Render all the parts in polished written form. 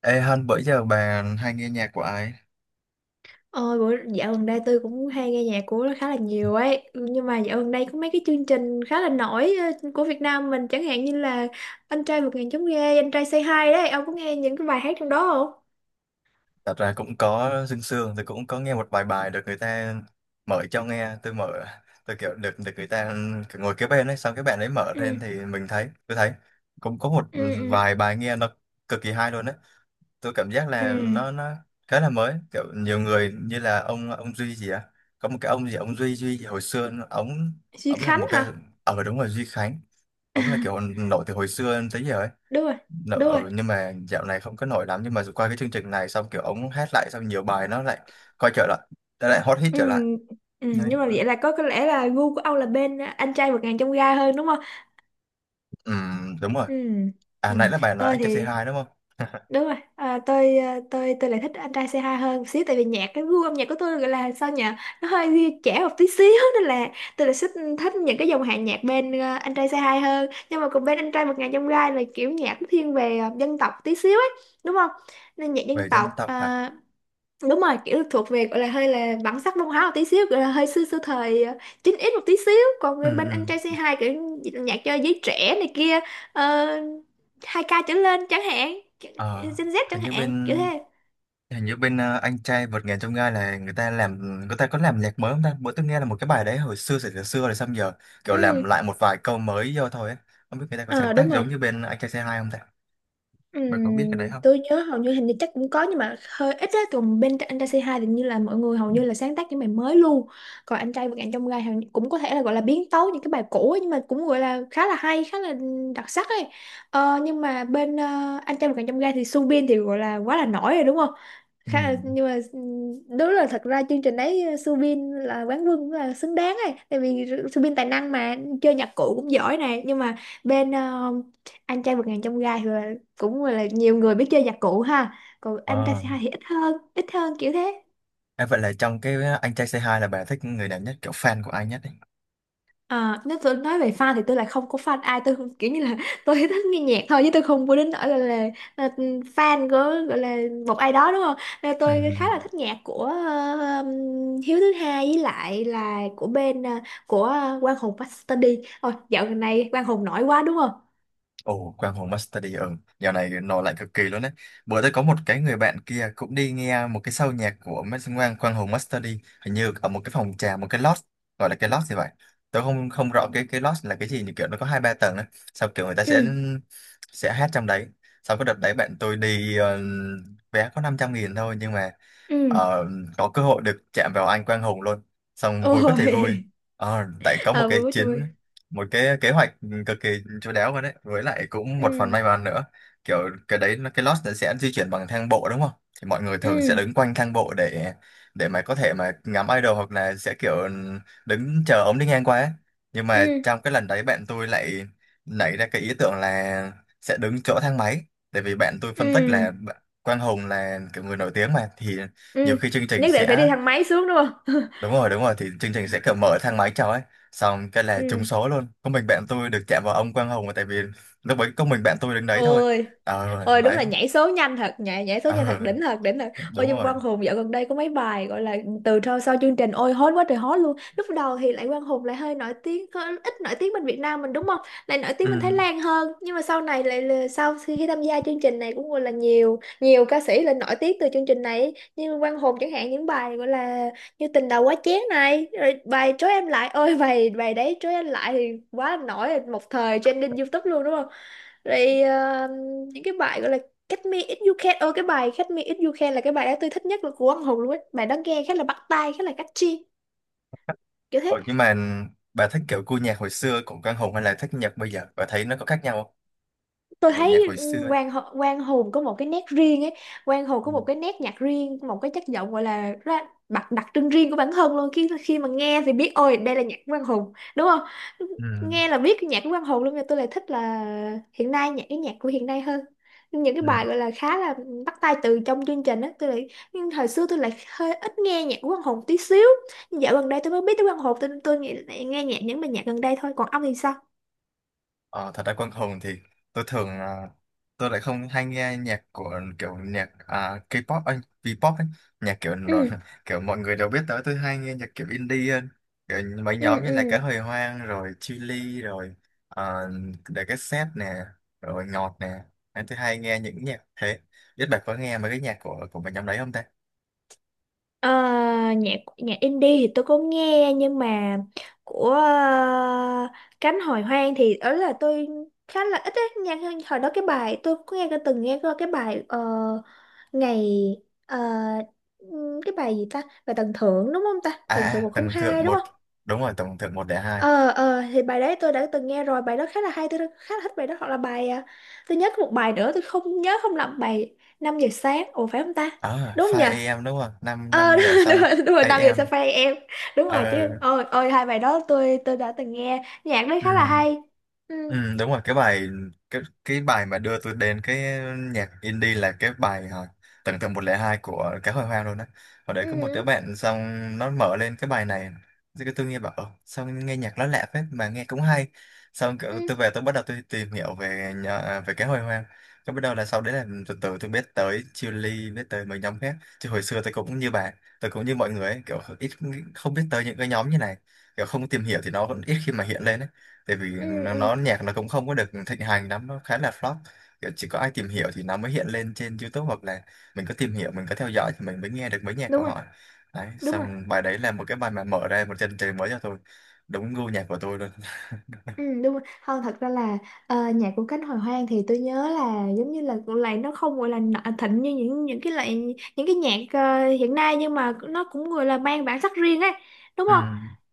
Ê Hân, bữa giờ bà hay nghe nhạc của ai? Ôi, bữa dạo gần đây tôi cũng hay nghe nhạc của nó khá là nhiều ấy. Nhưng mà dạo gần đây có mấy cái chương trình khá là nổi của Việt Nam mình. Chẳng hạn như là Anh trai vượt ngàn chông gai, Anh trai Say Hi đấy. Ông có nghe những cái bài hát trong đó không? Thật ra cũng có sương sương, tôi cũng có nghe một vài bài được người ta mở cho nghe, tôi mở, tôi kiểu được được người ta ngồi kế bên ấy, xong cái bạn ấy mở lên Ừ, thì mình thấy, tôi thấy cũng có một ừ, ừ, vài bài nghe nó cực kỳ hay luôn đấy. Tôi cảm giác là nó ừ. nó khá là mới, kiểu nhiều người như là ông Duy gì á, có một cái ông gì ông Duy Duy gì hồi xưa ông Duy ông là Khánh một cái hả? ở đúng rồi Duy Khánh, ông là kiểu nổi từ hồi xưa tới giờ ấy. Đúng rồi, Nợ, đúng rồi. ừ, nhưng mà dạo này không có nổi lắm nhưng mà qua cái chương trình này xong kiểu ống hát lại xong nhiều bài nó lại coi trở lại, nó lại hot hit Ừ, trở lại. ừ, Nên, nhưng mà vậy là có lẽ là gu của ông là bên Anh trai vượt ngàn chông gai hơn đúng không? ừ, đúng rồi, Ừ, à ừ. nãy là bài nói Tôi anh trai c thì hai đúng không? đúng rồi. Tôi tôi lại thích anh trai c hai hơn một xíu, tại vì nhạc, cái gu âm nhạc của tôi gọi là sao nhỉ, nó hơi trẻ một tí xíu nên là tôi lại thích thích những cái dòng hàng nhạc bên anh trai c hai hơn. Nhưng mà còn bên anh trai một ngàn trong gai là kiểu nhạc nó thiên về dân tộc tí xíu ấy, đúng không? Nên nhạc Về dân tộc. dân tộc hả? À, đúng rồi, kiểu thuộc về gọi là hơi là bản sắc văn hóa một tí xíu, gọi là hơi xưa xưa thời 9x một tí xíu. Còn Ừ, người bên anh trai c ừ. hai kiểu nhạc cho giới trẻ này kia, 2K trở lên chẳng hạn, Ờ, Gen Z chẳng hình như hạn, kiểu bên thế. hình như bên anh trai vượt ngàn chông gai là người ta làm, người ta có làm nhạc mới không ta, bữa tôi nghe là một cái bài đấy hồi xưa xưa xưa xưa rồi xong giờ kiểu Ừ. làm lại một vài câu mới vô thôi ấy. Không biết người ta có sáng Ờ, tác đúng giống rồi. như bên anh trai c hai không ta, bạn có biết cái đấy không? Tôi nhớ hầu như, hình như chắc cũng có nhưng mà hơi ít á, còn bên anh trai c hai thì như là mọi người hầu như là sáng tác những bài mới luôn. Còn anh trai vượt ngàn chông gai hầu như cũng có thể là gọi là biến tấu những cái bài cũ ấy, nhưng mà cũng gọi là khá là hay, khá là đặc sắc ấy. Nhưng mà bên anh trai vượt ngàn chông gai thì Sun Bin thì gọi là quá là nổi rồi đúng không? Ừ. Khá là, nhưng mà đúng là thật ra chương trình đấy Su Bin là quán quân cũng là xứng đáng ấy, tại vì Su Bin tài năng mà, chơi nhạc cụ cũng giỏi này, nhưng mà bên anh trai vượt ngàn chông gai rồi cũng là nhiều người biết chơi nhạc cụ ha, còn anh ta xê Ờ. hai thì ít hơn, ít hơn, kiểu thế. À, vậy là trong cái à, anh trai Say Hi là bà thích người nào nhất, kiểu fan của ai nhất ấy? À, nếu tôi nói về fan thì tôi lại không có fan ai. Tôi không- Kiểu như là tôi thích nghe nhạc thôi chứ tôi không có đến nỗi là, là fan của, gọi là, một ai đó đúng không. Nên Ừ. tôi khá là thích nhạc của Hiếu thứ hai, với lại là của bên Quang Hùng Master D. Ôi, dạo gần này Quang Hùng nổi quá đúng không? Ồ, Quang Hùng Master đi, ừ. Dạo này nổi lại cực kỳ luôn đấy. Bữa tôi có một cái người bạn kia cũng đi nghe một cái show nhạc của Mason Quang, Quang Hùng Master. Hình như ở một cái phòng trà, một cái lodge, gọi là cái lodge gì vậy. Tôi không không rõ cái lodge là cái gì, như kiểu nó có hai ba tầng đấy. Sau kiểu người ta Ừ. sẽ hát trong đấy. Sau cái đợt đấy bạn tôi đi vé có 500.000 thôi nhưng mà Ừ. ờ, có cơ hội được chạm vào anh Quang Hùng luôn. Xong vui có thể vui. Ôi. Ờ, tại có một À, cái vui quá trời. chuyến một cái kế hoạch cực kỳ chu đáo luôn đấy với lại cũng một phần Ừ, may mắn nữa, kiểu cái đấy nó- cái lost nó sẽ di chuyển bằng thang bộ đúng không, thì mọi người thường sẽ ừ, đứng quanh thang bộ để mà có thể mà ngắm idol hoặc là sẽ kiểu đứng chờ ống đi ngang qua ấy. Nhưng mà ừ, trong cái lần đấy bạn tôi lại nảy ra cái ý tưởng là sẽ đứng chỗ thang máy, tại vì bạn tôi phân tích ừ, là bạn- Quang Hùng là kiểu người nổi tiếng mà thì ừ, nhiều khi chương trình nhất định phải sẽ đi thang máy xuống đúng không? Đúng rồi thì chương trình sẽ kiểu mở thang máy chào ấy, xong cái là trúng Ừ. số luôn, có mình bạn tôi được chạm vào ông Quang Hùng mà tại vì lúc ấy có mình bạn tôi đứng đấy thôi. Ôi. Ờ Ôi, đúng đấy, là nhảy số nhanh thật, nhảy, nhảy số ờ nhanh thật, đỉnh thật, đỉnh thật. Ôi, đúng nhưng rồi. Quang Hùng dạo gần đây có mấy bài gọi là, từ sau chương trình ôi hot quá trời hot luôn. Lúc đầu thì lại Quang Hùng lại hơi nổi tiếng, hơi ít nổi tiếng bên Việt Nam mình đúng không, lại nổi tiếng bên Thái Ừ. Lan hơn, nhưng mà sau này sau khi tham gia chương trình này cũng gọi là nhiều, nhiều ca sĩ lên nổi tiếng từ chương trình này ấy. Như Quang Hùng chẳng hạn, những bài gọi là như Tình đầu quá chén này, rồi bài Trối em lại, ôi bài bài đấy Trối em lại thì quá nổi một thời, trending YouTube luôn đúng không? Rồi những cái bài gọi là Catch Me If You Can. Ơ, cái bài Catch Me If You Can là cái bài đó tôi thích nhất là của Quang Hùng luôn ấy, bài đó nghe khá là bắt tai, khá là catchy, kiểu Ờ, thế. nhưng mà bà thích kiểu gu nhạc hồi xưa của Quang Hùng hay là thích nhạc bây giờ, bà thấy nó có khác nhau không? Tôi Kiểu nhạc thấy hồi xưa ấy. Quang Hùng có một cái nét riêng ấy. Quang Hùng Ừ. có một cái nét nhạc riêng, một cái chất giọng gọi là ra, đặc đặc trưng riêng của bản thân luôn, khi khi mà nghe thì biết ôi đây là nhạc của Quang Hùng đúng không? Ừ. Nghe là biết cái nhạc của Quang Hùng luôn. Nhưng tôi lại thích là hiện nay, cái nhạc của hiện nay hơn, những cái Ừ. bài gọi là khá là bắt tai từ trong chương trình á, tôi lại. Nhưng hồi xưa tôi lại hơi ít nghe nhạc của Quang Hùng tí xíu. Nhưng dạo gần đây tôi mới biết tới Quang Hùng. Tôi nghe nhạc, những bài nhạc gần đây thôi, còn ông thì sao? Ờ, thật ra Quang Hùng thì tôi thường tôi lại không hay nghe nhạc của kiểu nhạc à, K-pop anh V-pop ấy, nhạc kiểu rồi Ừ, kiểu mọi người đều biết tới, tôi hay nghe nhạc kiểu indie hơn, kiểu mấy ừ, nhóm như là Cá ừ. Hồi Hoang rồi Chillies rồi uh, The Cassette nè rồi Ngọt nè. Đấy, tôi hay nghe những nhạc thế, biết bạn có nghe mấy cái nhạc của mấy nhóm đấy không ta. Ờ, nhạc nhạc indie thì tôi có nghe nhưng mà của Cánh Hồi Hoang thì đó là tôi khá là ít ấy. Nhạc hồi đó, cái bài tôi có nghe từng nghe qua cái bài ngày ờ, cái bài gì ta, bài Tầng thưởng đúng không ta, À Tầng thưởng à, một không tầng hai thượng đúng một, không? đúng rồi tầng thượng 102, Ờ, ờ, thì bài đấy tôi đã từng nghe rồi, bài đó khá là hay, tôi đã, khá là thích bài đó. Hoặc là bài, à, tôi nhớ có một bài nữa, tôi không nhớ không lầm, bài 5 giờ sáng ồ phải không ta? à Đúng không nhỉ? 5 AM đúng không, năm Ờ, năm giờ đúng rồi, đúng xong rồi, đúng rồi, năm giờ sẽ AM. phê em. Đúng Ờ. rồi chứ. Ôi, ôi, hai bài đó tôi đã từng nghe, nhạc đấy Ừ. khá là hay. Ừ. Ừ, đúng rồi cái bài, cái bài mà đưa tôi đến cái nhạc indie là cái bài tầng tầng 102 của Cá Hồi Hoang luôn đó. Ở đấy có một đứa Ừ. bạn xong nó mở lên cái bài này thì cái tôi nghe bảo "Ờ, sao nghe nhạc nó lạ phết mà nghe cũng hay", xong kiểu Ừ. tôi về tôi bắt đầu tôi tìm hiểu về nhà, về Cá Hồi Hoang, cái bắt đầu là sau đấy là từ từ tôi biết tới Chillies, biết tới mấy nhóm khác chứ hồi xưa tôi cũng như bạn, tôi cũng như mọi người ấy, kiểu ít không biết tới những cái nhóm như này, kiểu không tìm hiểu thì nó vẫn ít khi mà hiện lên ấy, tại vì Ừ. nó, Ừ. nó nhạc nó cũng không có được thịnh hành lắm, nó khá là flop, kiểu chỉ có ai tìm hiểu thì nó mới hiện lên trên YouTube hoặc là mình có tìm hiểu mình có theo dõi thì mình mới nghe được mấy nhạc của Đúng rồi, họ. Đấy, đúng rồi. xong bài đấy là một cái bài mà mở ra một chân trời mới cho tôi, đúng gu nhạc của tôi luôn. Ừ, đúng rồi. Không, thật ra là nhạc của Cánh Hồi Hoang thì tôi nhớ là giống như là lại nó không gọi là thịnh như những cái loại, những cái nhạc hiện nay, nhưng mà nó cũng gọi là mang bản sắc riêng ấy, đúng Ừ, không?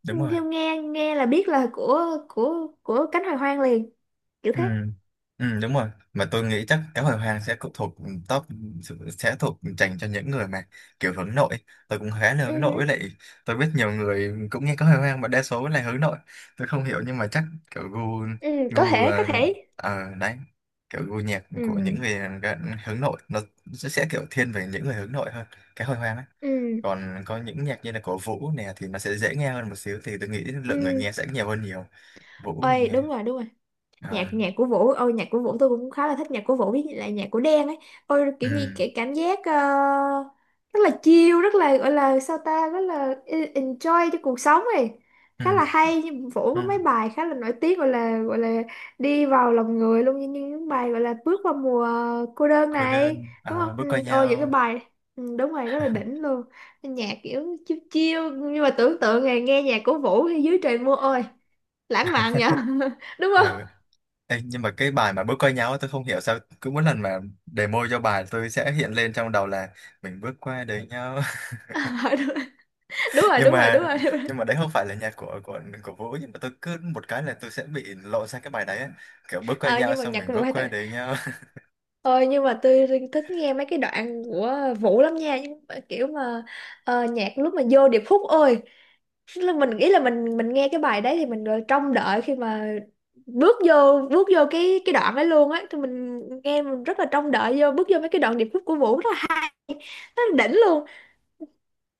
đúng rồi. Nghe nghe nghe là biết là của Cánh Hồi Hoang liền, kiểu Ừ. thế. Ừ, đúng rồi mà tôi nghĩ chắc cá hồi hoang sẽ cũng thuộc top, sẽ thuộc dành cho những người mà kiểu hướng nội, tôi cũng khá là Ừ hướng nội hử. với lại tôi biết nhiều người cũng nghe cá hồi hoang mà đa số là hướng nội, tôi không hiểu nhưng mà chắc kiểu gu Ừ, có gu thể, có ờ, thể. ờ, đấy, kiểu gu nhạc của những Ừ, người gần- hướng nội nó sẽ kiểu thiên về những người hướng nội hơn, cá hồi hoang ấy. ừ, Còn có những nhạc như là của Vũ nè thì nó sẽ dễ nghe hơn một xíu, thì tôi nghĩ lượng người ừ. nghe sẽ nhiều hơn nhiều. Vũ nè. Ôi, đúng rồi, đúng. Ờ, Nhạc nhạc của Vũ, ôi nhạc của Vũ tôi cũng khá là thích, nhạc của Vũ với lại nhạc của Đen ấy. Ôi, ừ. kiểu như cái cảm giác rất là chill, rất là gọi là sao ta, rất là enjoy cho cuộc sống ấy, Ừ. khá là hay. Nhưng Vũ có mấy À, bài khá là nổi tiếng, gọi là đi vào lòng người luôn, như như những bài gọi là Bước vào mùa cô đơn cô này đơn, đúng không? à, bước Ừ, qua ôi những cái nhau. bài, ừ, đúng rồi, rất là đỉnh luôn. Nhạc kiểu chill chill, nhưng mà tưởng tượng ngày nghe nhạc của Vũ thì dưới trời mưa, ôi lãng mạn vậy. Đúng không? Ừ. Ê, nhưng mà cái bài mà bước qua nhau á, tôi không hiểu sao cứ mỗi lần mà demo cho bài tôi sẽ hiện lên trong đầu là mình bước qua đời nhau. Ờ, đúng, đúng rồi, Nhưng đúng rồi, mà đúng rồi, đúng rồi. Đấy không phải là nhạc của Vũ, nhưng mà tôi cứ một cái là tôi sẽ bị lộ ra cái bài đấy á. Kiểu bước qua Ờ, nhau nhưng mà xong nhạc mình của Vũ bước hay qua thật. đời nhau. Ờ, nhưng mà tôi thích nghe mấy cái đoạn của Vũ lắm nha. Nhưng mà kiểu mà nhạc lúc mà vô điệp khúc ơi, tức là mình nghĩ là mình nghe cái bài đấy thì mình rồi trông đợi khi mà bước vô cái đoạn ấy luôn á, thì mình nghe mình rất là trông đợi vô, bước vô mấy cái đoạn điệp khúc của Vũ, rất là hay, rất là đỉnh luôn.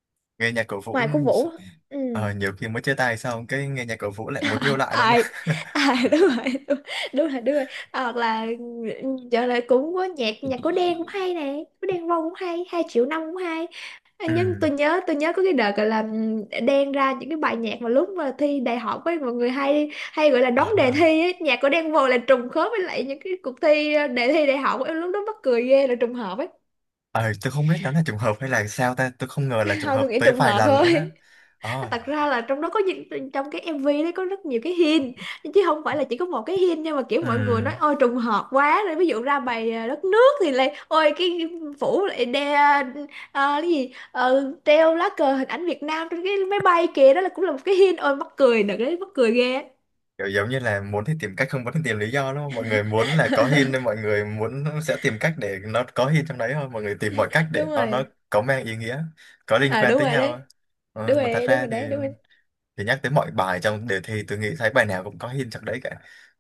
Nghe nhạc của Vũ, Ngoài của Vũ, ừ, ờ, nhiều khi mới chia tay xong cái nghe nhạc của Vũ lại muốn yêu lại luôn à, á. à, đúng rồi, đúng, đúng rồi, đúng rồi. À, hoặc là giờ lại cũng có nhạc nhạc của Đen cũng hay nè, của Đen Vâu cũng hay, 2 triệu năm cũng hay. À, nhưng Ừ. Tôi nhớ có cái đợt gọi là Đen ra những cái bài nhạc mà lúc mà thi đại học với mọi người hay, hay gọi là đóng đề À. thi ấy. Nhạc của Đen Vâu là trùng khớp với lại những cái cuộc thi đề thi đại học em, lúc đó mắc cười ghê, là trùng hợp ấy. Ờ, tôi không biết nó là trùng hợp hay là sao ta, tôi không ngờ là trùng Không, hợp tôi nghĩ tới trùng vài hợp lần luôn á. thôi, Ờ, thật ra là trong đó trong cái MV đấy có rất nhiều cái hint, chứ không phải là chỉ có một cái hint. Nhưng mà kiểu mọi người ừm, nói ôi trùng hợp quá, rồi ví dụ ra bài đất nước thì lại ôi cái phủ lại đe, à cái gì. Ờ, treo lá cờ hình ảnh Việt Nam trên cái máy bay kìa, đó là cũng là một cái hint. Ôi mắc cười, đợt đấy mắc cười ghê á. kiểu giống như là muốn thì tìm cách, không muốn thì tìm lý do đúng không? Mọi người muốn là có hint nên mọi người muốn sẽ tìm cách để nó có hint trong đấy thôi. Mọi người tìm mọi cách để Đúng nó rồi. có mang ý nghĩa, có liên quan Đúng tới rồi nhau á. đấy, đúng Ờ, rồi mà thật đấy, đúng ra rồi thì đấy, đúng rồi. Nhắc tới mọi bài trong đề thi tôi nghĩ thấy bài nào cũng có hint trong đấy cả.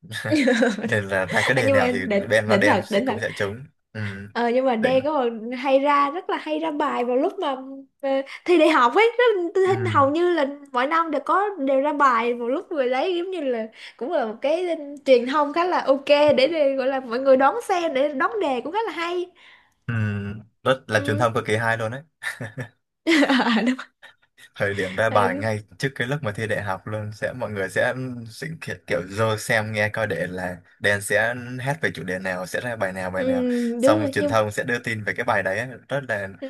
Nên là ra cái À, đề nhưng nào mà thì đỉnh, đen là đỉnh đen thật, sẽ đỉnh cũng thật. sẽ trúng. Ừ, Ờ nhưng mà đỉnh. Đen có còn hay ra, rất là hay ra bài vào lúc mà ờ, thi đại học ấy, tôi Ừ, thấy hầu như là mỗi năm đều có, đều ra bài vào lúc người lấy, giống như là cũng là một cái truyền thông khá là ok để gọi là mọi người đón xem để đón đề, cũng khá là hay. ừ, rất là truyền Ừ. thông cực kỳ hay luôn đấy. À, đúng Thời điểm ra bài rồi. ngay trước cái lúc mà thi đại học luôn sẽ mọi người sẽ kiểu, kiểu dơ xem nghe coi để là đen sẽ hát về chủ đề nào sẽ ra bài nào bài Ừ, ừ, nào, đúng xong rồi truyền nhưng, thông sẽ đưa tin về cái bài đấy rất là ừ,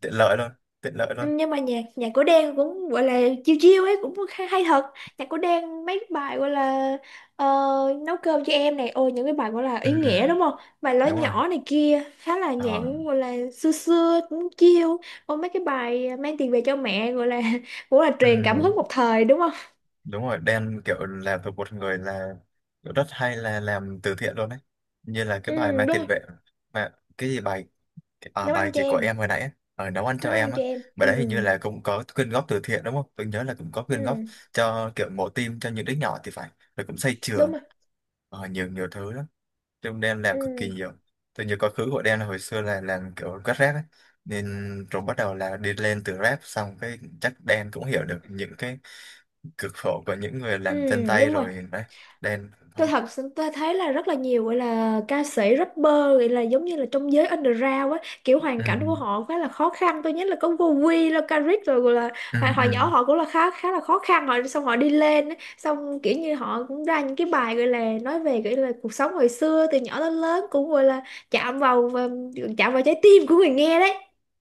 tiện lợi luôn, tiện lợi Ừ, luôn. nhưng mà nhạc nhạc của Đen cũng gọi là chiêu chiêu ấy, cũng hay, hay thật. Nhạc của Đen mấy bài gọi là ờ, Nấu cơm cho em này, ôi những cái bài gọi là Ừ, ý ừ, nghĩa đúng không, bài Lối đúng rồi. nhỏ này kia, khá là, nhạc Ờ, cũng gọi là xưa xưa, cũng chiêu. Ôi mấy cái bài Mang tiền về cho mẹ gọi là cũng là truyền cảm ừ, hứng một thời đúng không? đúng rồi, đen kiểu làm thuộc một người là kiểu rất hay là làm từ thiện luôn đấy, như là Ừ, cái bài mang đúng tiền rồi. vệ mà cái gì bài Nấu bài ăn cho chị của em, em hồi nãy á, ờ, nấu ăn cho nấu em ăn á, cho em, bài ừ. đấy hình như là cũng có quyên góp từ thiện đúng không, tôi nhớ là cũng có quyên góp Ừ, cho kiểu mổ tim cho những đứa nhỏ thì phải, rồi cũng xây đúng trường. rồi. Ờ, nhiều nhiều thứ lắm, trong đen làm cực kỳ Ừ, nhiều. Tôi nhớ quá khứ của đen là hồi xưa là làm kiểu quét rác ấy. Nên rồi bắt đầu là đi lên từ rap xong cái chắc đen cũng hiểu được những cái cực khổ của những người ừ, làm chân tay đúng rồi. rồi đấy, đen. Tôi thật sự tôi thấy là rất là nhiều gọi là ca sĩ, rapper, gọi là giống như là trong giới underground á, kiểu Ừ. hoàn cảnh của họ khá là khó khăn. Tôi nhớ là có Vô Quy, là Caric rồi, gọi là Ừ, hồi hồi nhỏ ừ. họ cũng là khá khá là khó khăn, họ xong họ đi lên á. Xong kiểu như họ cũng ra những cái bài gọi là nói về gọi là cuộc sống hồi xưa từ nhỏ đến lớn, cũng gọi là chạm vào, chạm vào trái tim của người nghe đấy,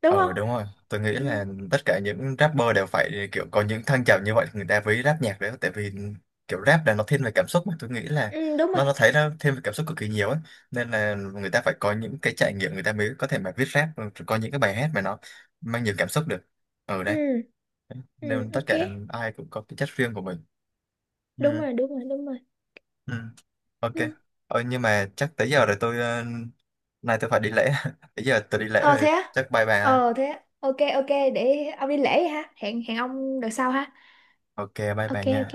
đúng không? Ờ đúng rồi, tôi nghĩ Ừ, là tất cả những rapper đều phải kiểu có những thăng trầm như vậy thì người ta mới rap nhạc đấy, tại vì kiểu rap là nó thiên về cảm xúc, mà tôi nghĩ là ừ, đúng rồi. nó thấy nó thiên về cảm xúc cực kỳ nhiều ấy, nên là người ta phải có những cái trải nghiệm người ta mới có thể mà viết rap có những cái bài hát mà nó mang nhiều cảm xúc được ở đấy. Ừ, ừ, Nên tất ok, cả ai cũng có cái chất riêng của mình. Ừ, đúng rồi, đúng rồi, đúng rồi. ừ, ok. Ừ. Ờ, nhưng mà chắc tới giờ rồi tôi nay tôi phải đi lễ tới giờ tôi đi lễ Ờ thế rồi á. chắc bye bye ha. Ờ thế á, ok, ok, để ông đi lễ ha, hẹn, hẹn ông đợt sau ha. Ok bye bye Ok, nha. ok.